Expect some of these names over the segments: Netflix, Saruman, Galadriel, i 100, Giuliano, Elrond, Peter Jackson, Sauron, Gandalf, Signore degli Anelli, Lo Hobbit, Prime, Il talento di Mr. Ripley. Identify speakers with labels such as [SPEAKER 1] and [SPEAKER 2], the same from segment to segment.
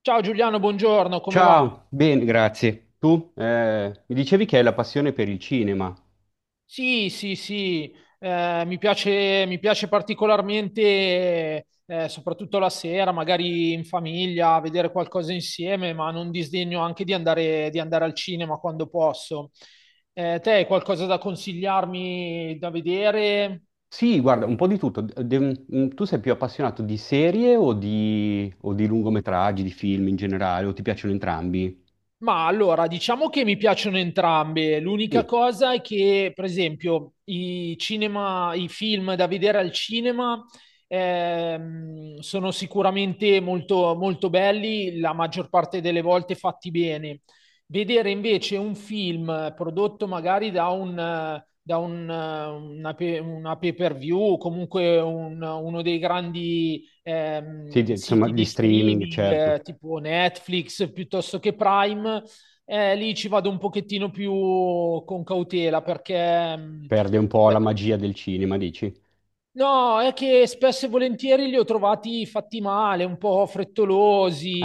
[SPEAKER 1] Ciao Giuliano, buongiorno, come va?
[SPEAKER 2] Ciao, bene, grazie. Tu mi dicevi che hai la passione per il cinema.
[SPEAKER 1] Sì, sì, sì, mi piace particolarmente, soprattutto la sera, magari in famiglia, vedere qualcosa insieme, ma non disdegno anche di andare al cinema quando posso. Te hai qualcosa da consigliarmi da vedere?
[SPEAKER 2] Sì, guarda, un po' di tutto. Tu sei più appassionato di serie o di lungometraggi, di film in generale, o ti piacciono entrambi?
[SPEAKER 1] Ma allora, diciamo che mi piacciono entrambe. L'unica
[SPEAKER 2] Sì.
[SPEAKER 1] cosa è che, per esempio, i film da vedere al cinema sono sicuramente molto, molto belli, la maggior parte delle volte fatti bene. Vedere invece un film prodotto magari da un, una, pe- una pay-per-view o comunque uno dei grandi
[SPEAKER 2] Sì, insomma,
[SPEAKER 1] siti
[SPEAKER 2] di
[SPEAKER 1] di
[SPEAKER 2] streaming,
[SPEAKER 1] streaming
[SPEAKER 2] certo.
[SPEAKER 1] tipo Netflix piuttosto che Prime, lì ci vado un pochettino più con cautela perché
[SPEAKER 2] Perde un po'
[SPEAKER 1] beh,
[SPEAKER 2] la magia del cinema, dici?
[SPEAKER 1] no, è che spesso e volentieri li ho trovati fatti male, un po'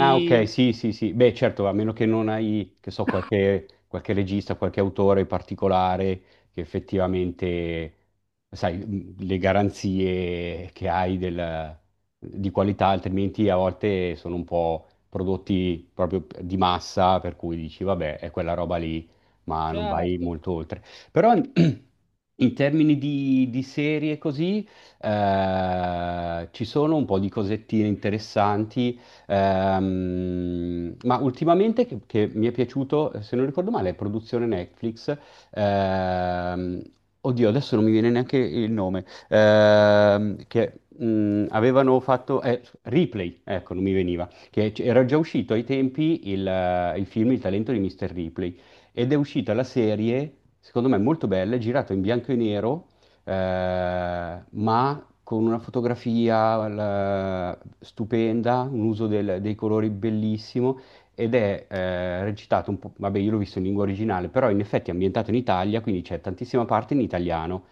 [SPEAKER 2] Ah, ok, sì, sì, sì. Beh, certo, a meno che non hai, che so, qualche regista, qualche autore particolare che effettivamente, sai, le garanzie di qualità, altrimenti a volte sono un po' prodotti proprio di massa, per cui dici, vabbè, è quella roba lì, ma non vai
[SPEAKER 1] Certo.
[SPEAKER 2] molto oltre. Però in termini di serie così, ci sono un po' di cosettine interessanti. Ma ultimamente che mi è piaciuto, se non ricordo male, è produzione Netflix. ehm, Oddio, adesso non mi viene neanche il nome. Che avevano fatto Ripley, ecco, non mi veniva, che era già uscito ai tempi il film Il talento di Mr. Ripley, ed è uscita la serie, secondo me molto bella, è girata in bianco e nero, ma con una fotografia stupenda, un uso dei colori bellissimo, ed è recitato un po', vabbè, io l'ho visto in lingua originale, però in effetti è ambientato in Italia, quindi c'è tantissima parte in italiano.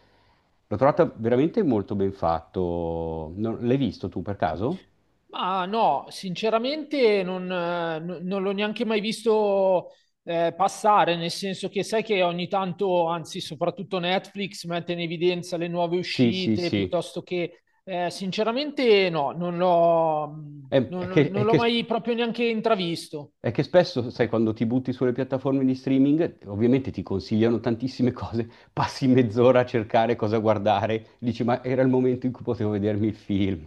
[SPEAKER 2] L'ho trovato veramente molto ben fatto. L'hai visto tu per caso?
[SPEAKER 1] Ma no, sinceramente non l'ho neanche mai visto passare, nel senso che sai che ogni tanto, anzi soprattutto Netflix, mette in evidenza le nuove
[SPEAKER 2] Sì, sì,
[SPEAKER 1] uscite,
[SPEAKER 2] sì.
[SPEAKER 1] piuttosto che sinceramente no,
[SPEAKER 2] È
[SPEAKER 1] non l'ho
[SPEAKER 2] che
[SPEAKER 1] mai proprio neanche intravisto.
[SPEAKER 2] è che spesso, sai, quando ti butti sulle piattaforme di streaming, ovviamente ti consigliano tantissime cose, passi mezz'ora a cercare cosa guardare, dici, ma era il momento in cui potevo vedermi il film.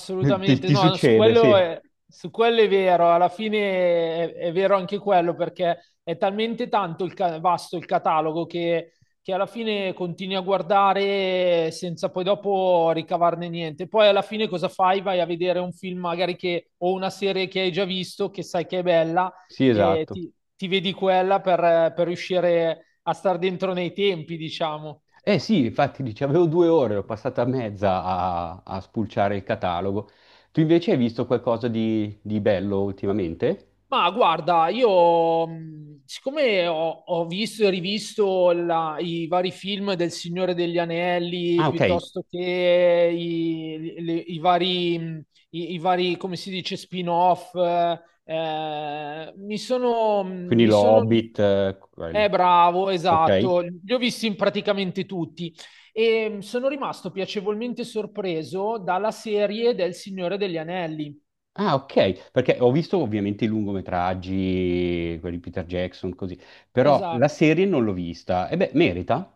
[SPEAKER 2] Ti, ti
[SPEAKER 1] no, no,
[SPEAKER 2] succede, sì.
[SPEAKER 1] su quello è vero, alla fine è vero anche quello perché è talmente tanto il vasto il catalogo che alla fine continui a guardare senza poi dopo ricavarne niente. Poi alla fine cosa fai? Vai a vedere un film magari che, o una serie che hai già visto, che sai che è bella
[SPEAKER 2] Sì,
[SPEAKER 1] e
[SPEAKER 2] esatto.
[SPEAKER 1] ti, ti vedi quella per riuscire a star dentro nei tempi, diciamo.
[SPEAKER 2] Eh sì, infatti dici, avevo due ore, l'ho passata mezza a spulciare il catalogo. Tu invece hai visto qualcosa di bello ultimamente?
[SPEAKER 1] Ma guarda, io siccome ho visto e rivisto i vari film del Signore degli Anelli,
[SPEAKER 2] Ah, ok,
[SPEAKER 1] piuttosto che i, le- i vari, i- i vari, come si dice, spin-off, mi sono,
[SPEAKER 2] quindi
[SPEAKER 1] mi
[SPEAKER 2] lo
[SPEAKER 1] sono...
[SPEAKER 2] Hobbit, quelli.
[SPEAKER 1] Bravo,
[SPEAKER 2] Ok.
[SPEAKER 1] esatto, li ho visti in praticamente tutti e sono rimasto piacevolmente sorpreso dalla serie del Signore degli Anelli.
[SPEAKER 2] Ah, ok, perché ho visto ovviamente i lungometraggi, quelli di Peter Jackson, così, però la
[SPEAKER 1] Esatto.
[SPEAKER 2] serie non l'ho vista. E beh, merita.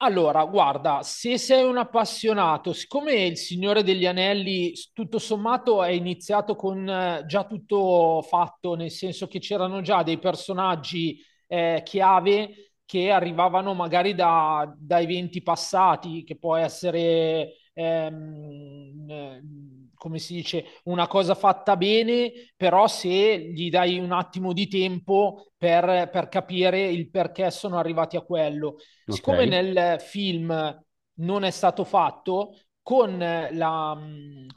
[SPEAKER 1] Allora, guarda, se sei un appassionato, siccome il Signore degli Anelli tutto sommato è iniziato con già tutto fatto, nel senso che c'erano già dei personaggi chiave che arrivavano magari da eventi passati, che può essere, come si dice, una cosa fatta bene, però se gli dai un attimo di tempo per capire il perché sono arrivati a quello.
[SPEAKER 2] Ok.
[SPEAKER 1] Siccome nel film non è stato fatto,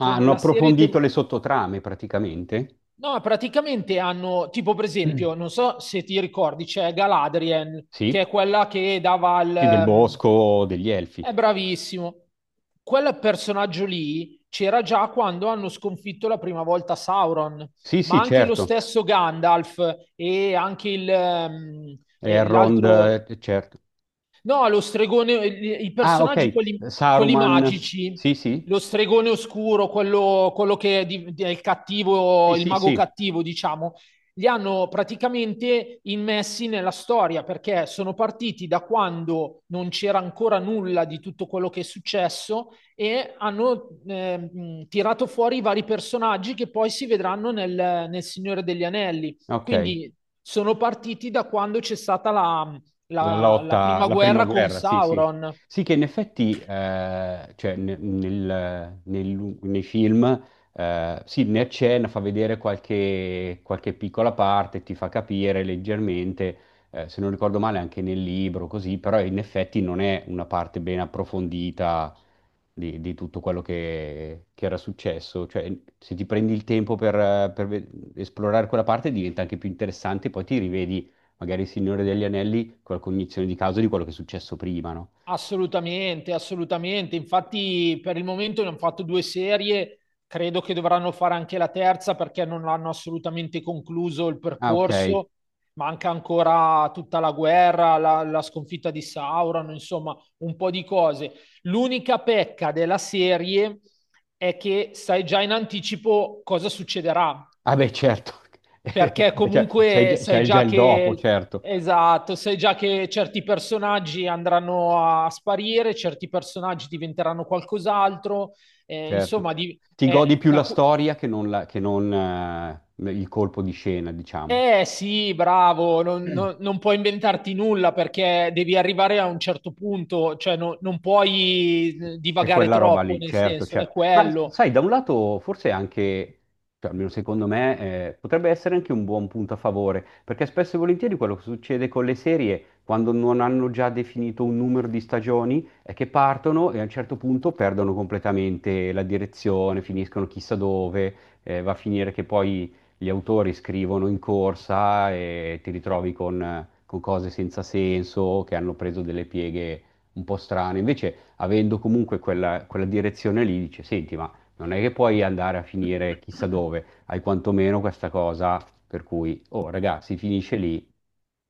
[SPEAKER 2] Ah, hanno
[SPEAKER 1] la serie...
[SPEAKER 2] approfondito le sottotrame praticamente.
[SPEAKER 1] No, praticamente hanno, tipo per
[SPEAKER 2] Mm.
[SPEAKER 1] esempio, non so se ti ricordi, c'è Galadriel, che
[SPEAKER 2] Sì,
[SPEAKER 1] è quella che dava
[SPEAKER 2] sì, del
[SPEAKER 1] il...
[SPEAKER 2] bosco, degli elfi.
[SPEAKER 1] È bravissimo. Quel personaggio lì c'era già quando hanno sconfitto la prima volta Sauron,
[SPEAKER 2] Sì,
[SPEAKER 1] ma
[SPEAKER 2] sì,
[SPEAKER 1] anche lo
[SPEAKER 2] certo.
[SPEAKER 1] stesso Gandalf e anche e
[SPEAKER 2] Elrond,
[SPEAKER 1] l'altro,
[SPEAKER 2] certo.
[SPEAKER 1] No, lo stregone, i
[SPEAKER 2] Ah,
[SPEAKER 1] personaggi,
[SPEAKER 2] ok.
[SPEAKER 1] quelli, quelli
[SPEAKER 2] Saruman.
[SPEAKER 1] magici,
[SPEAKER 2] Sì, sì.
[SPEAKER 1] lo stregone oscuro, quello che è, è il
[SPEAKER 2] Sì,
[SPEAKER 1] cattivo, il
[SPEAKER 2] sì,
[SPEAKER 1] mago
[SPEAKER 2] sì.
[SPEAKER 1] cattivo, diciamo, li hanno praticamente immessi nella storia perché sono partiti da quando non c'era ancora nulla di tutto quello che è successo e hanno tirato fuori i vari personaggi che poi si vedranno nel Signore degli Anelli.
[SPEAKER 2] Ok.
[SPEAKER 1] Quindi sono partiti da quando c'è stata
[SPEAKER 2] La
[SPEAKER 1] la
[SPEAKER 2] lotta,
[SPEAKER 1] prima
[SPEAKER 2] la prima
[SPEAKER 1] guerra con
[SPEAKER 2] guerra, sì, sì.
[SPEAKER 1] Sauron.
[SPEAKER 2] Sì, che in effetti, cioè, nei film, sì, ne accenna, fa vedere qualche piccola parte, ti fa capire leggermente, se non ricordo male anche nel libro, così, però in effetti non è una parte ben approfondita di tutto quello che era successo. Cioè, se ti prendi il tempo per esplorare quella parte, diventa anche più interessante, poi ti rivedi magari il Signore degli Anelli con la cognizione di causa di quello che è successo prima, no?
[SPEAKER 1] Assolutamente, assolutamente. Infatti, per il momento ne hanno fatto due serie. Credo che dovranno fare anche la terza perché non hanno assolutamente concluso il
[SPEAKER 2] Ah, ok.
[SPEAKER 1] percorso. Manca ancora tutta la guerra, la sconfitta di Sauron, insomma, un po' di cose. L'unica pecca della serie è che sai già in anticipo cosa succederà.
[SPEAKER 2] Ah, beh, certo.
[SPEAKER 1] Perché
[SPEAKER 2] Cioè,
[SPEAKER 1] comunque sai
[SPEAKER 2] sai già
[SPEAKER 1] già
[SPEAKER 2] il dopo,
[SPEAKER 1] che,
[SPEAKER 2] certo,
[SPEAKER 1] esatto, sai già che certi personaggi andranno a sparire, certi personaggi diventeranno qualcos'altro, eh,
[SPEAKER 2] certo.
[SPEAKER 1] insomma, di,
[SPEAKER 2] Ti godi
[SPEAKER 1] eh,
[SPEAKER 2] più
[SPEAKER 1] da
[SPEAKER 2] la
[SPEAKER 1] cu-
[SPEAKER 2] storia che non, il colpo di scena, diciamo.
[SPEAKER 1] sì, bravo, non puoi inventarti nulla perché devi arrivare a un certo punto, cioè non puoi
[SPEAKER 2] È
[SPEAKER 1] divagare
[SPEAKER 2] quella roba
[SPEAKER 1] troppo,
[SPEAKER 2] lì,
[SPEAKER 1] nel
[SPEAKER 2] certo,
[SPEAKER 1] senso, è
[SPEAKER 2] certo. Ma
[SPEAKER 1] quello.
[SPEAKER 2] sai, da un lato forse anche, cioè, almeno secondo me, potrebbe essere anche un buon punto a favore, perché spesso e volentieri quello che succede con le serie, quando non hanno già definito un numero di stagioni, è che partono e a un certo punto perdono completamente la direzione, finiscono chissà dove, va a finire che poi gli autori scrivono in corsa e ti ritrovi con cose senza senso, che hanno preso delle pieghe un po' strane. Invece avendo comunque quella direzione lì, dice, senti, ma non è che puoi andare a finire chissà dove, hai quantomeno questa cosa per cui, oh ragazzi, finisce lì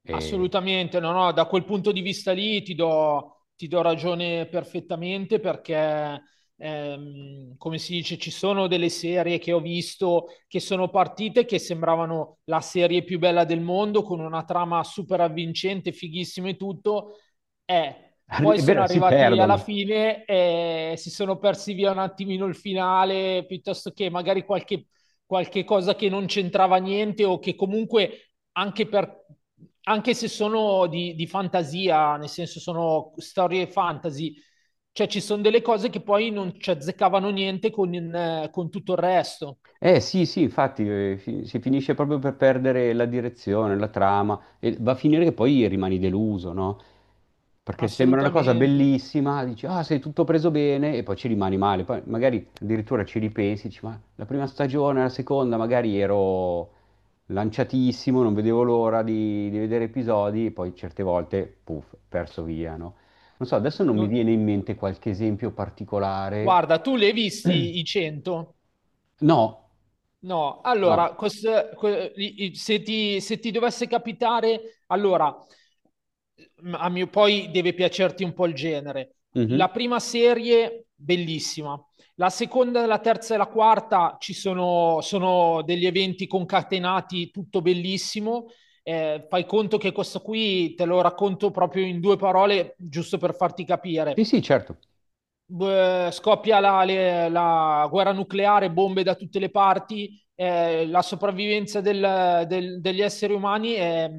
[SPEAKER 2] e,
[SPEAKER 1] Assolutamente, no, no, da quel punto di vista lì ti do ragione perfettamente perché, come si dice, ci sono delle serie che ho visto che sono partite che sembravano la serie più bella del mondo, con una trama super avvincente, fighissima e tutto, e poi
[SPEAKER 2] è
[SPEAKER 1] sono
[SPEAKER 2] vero, si
[SPEAKER 1] arrivati alla
[SPEAKER 2] perdono.
[SPEAKER 1] fine e si sono persi via un attimino il finale, piuttosto che magari qualche cosa che non c'entrava niente o che comunque anche, per, anche se sono di fantasia, nel senso sono storie fantasy, cioè ci sono delle cose che poi non ci azzeccavano niente con, con tutto il resto,
[SPEAKER 2] Eh sì, sì, infatti si finisce proprio per perdere la direzione, la trama, e va a finire che poi rimani deluso, no? Perché sembra una cosa
[SPEAKER 1] assolutamente.
[SPEAKER 2] bellissima, dici, ah, sei tutto preso bene, e poi ci rimani male. Poi magari addirittura ci ripensi, dici, ma la prima stagione, la seconda, magari ero lanciatissimo, non vedevo l'ora di vedere episodi, e poi certe volte, puff, perso via, no? Non so, adesso non mi
[SPEAKER 1] No-
[SPEAKER 2] viene in mente qualche esempio particolare.
[SPEAKER 1] Guarda, tu le hai visti i 100?
[SPEAKER 2] No,
[SPEAKER 1] No,
[SPEAKER 2] no.
[SPEAKER 1] allora, se ti, se ti dovesse capitare, allora, a mio, poi deve piacerti un po' il genere. La
[SPEAKER 2] Mhm.
[SPEAKER 1] prima serie, bellissima. La seconda, la terza e la quarta ci sono, sono degli eventi concatenati, tutto bellissimo. Fai conto che questo qui te lo racconto proprio in due parole, giusto per farti
[SPEAKER 2] Sì,
[SPEAKER 1] capire
[SPEAKER 2] sì, certo.
[SPEAKER 1] scoppia la guerra nucleare, bombe da tutte le parti, la sopravvivenza degli esseri umani è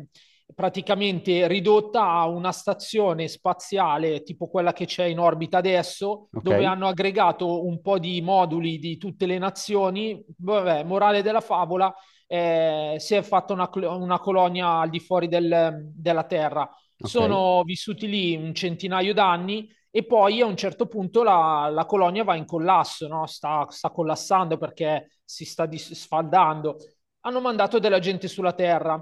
[SPEAKER 1] praticamente ridotta a una stazione spaziale tipo quella che c'è in orbita adesso,
[SPEAKER 2] Ok,
[SPEAKER 1] dove hanno aggregato un po' di moduli di tutte le nazioni. Vabbè, morale della favola, si è fatta una colonia al di fuori della Terra.
[SPEAKER 2] ok.
[SPEAKER 1] Sono vissuti lì un centinaio d'anni e poi a un certo punto la colonia va in collasso, no? Sta collassando perché si sta sfaldando. Hanno mandato della gente sulla Terra.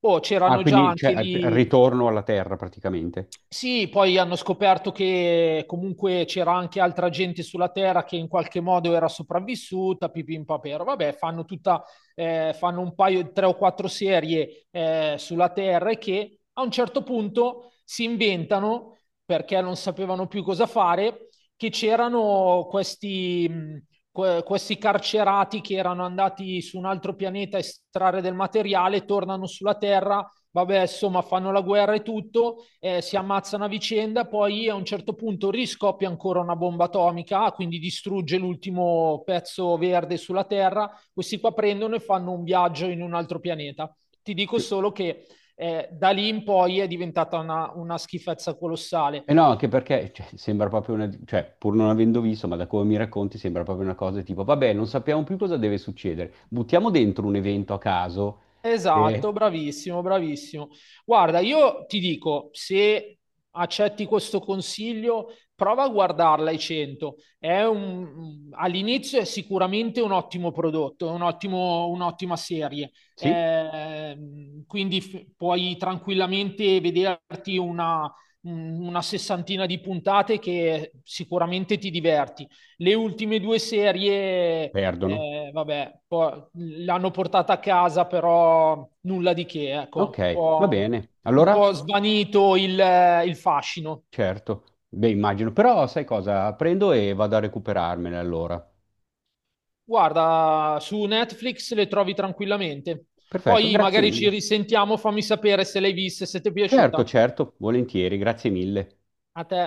[SPEAKER 1] Oh,
[SPEAKER 2] Ah,
[SPEAKER 1] c'erano già
[SPEAKER 2] quindi cioè,
[SPEAKER 1] anche
[SPEAKER 2] al
[SPEAKER 1] lì,
[SPEAKER 2] ritorno alla Terra praticamente.
[SPEAKER 1] sì, poi hanno scoperto che comunque c'era anche altra gente sulla Terra che in qualche modo era sopravvissuta, pipim papero. Vabbè, fanno tutta, fanno un paio, tre o quattro serie sulla Terra e che a un certo punto si inventano, perché non sapevano più cosa fare, che c'erano questi carcerati che erano andati su un altro pianeta a estrarre del materiale, tornano sulla Terra vabbè, insomma, fanno la guerra e tutto, si ammazzano a vicenda, poi a un certo punto riscoppia ancora una bomba atomica, quindi distrugge l'ultimo pezzo verde sulla Terra. Questi qua prendono e fanno un viaggio in un altro pianeta. Ti dico solo che da lì in poi è diventata una schifezza colossale.
[SPEAKER 2] E no, anche perché cioè, sembra proprio una... cioè, pur non avendo visto, ma da come mi racconti, sembra proprio una cosa tipo, vabbè, non sappiamo più cosa deve succedere. Buttiamo dentro un evento a caso e...
[SPEAKER 1] Esatto, bravissimo, bravissimo. Guarda, io ti dico, se accetti questo consiglio, prova a guardarla ai 100. All'inizio è sicuramente un ottimo prodotto, è un un'ottima serie.
[SPEAKER 2] Sì,
[SPEAKER 1] Puoi tranquillamente vederti una sessantina di puntate che sicuramente ti diverti. Le ultime due serie
[SPEAKER 2] perdono.
[SPEAKER 1] vabbè, l'hanno portata a casa, però nulla di che, ecco,
[SPEAKER 2] Ok, va bene.
[SPEAKER 1] un
[SPEAKER 2] Allora,
[SPEAKER 1] po' svanito il fascino.
[SPEAKER 2] certo. Beh, immagino. Però sai cosa? Prendo e vado a recuperarmene allora.
[SPEAKER 1] Guarda, su Netflix le trovi tranquillamente.
[SPEAKER 2] Perfetto,
[SPEAKER 1] Poi
[SPEAKER 2] grazie
[SPEAKER 1] magari ci
[SPEAKER 2] mille.
[SPEAKER 1] risentiamo, fammi sapere se l'hai vista e se ti è
[SPEAKER 2] Certo,
[SPEAKER 1] piaciuta.
[SPEAKER 2] certo, volentieri, grazie mille.
[SPEAKER 1] A te.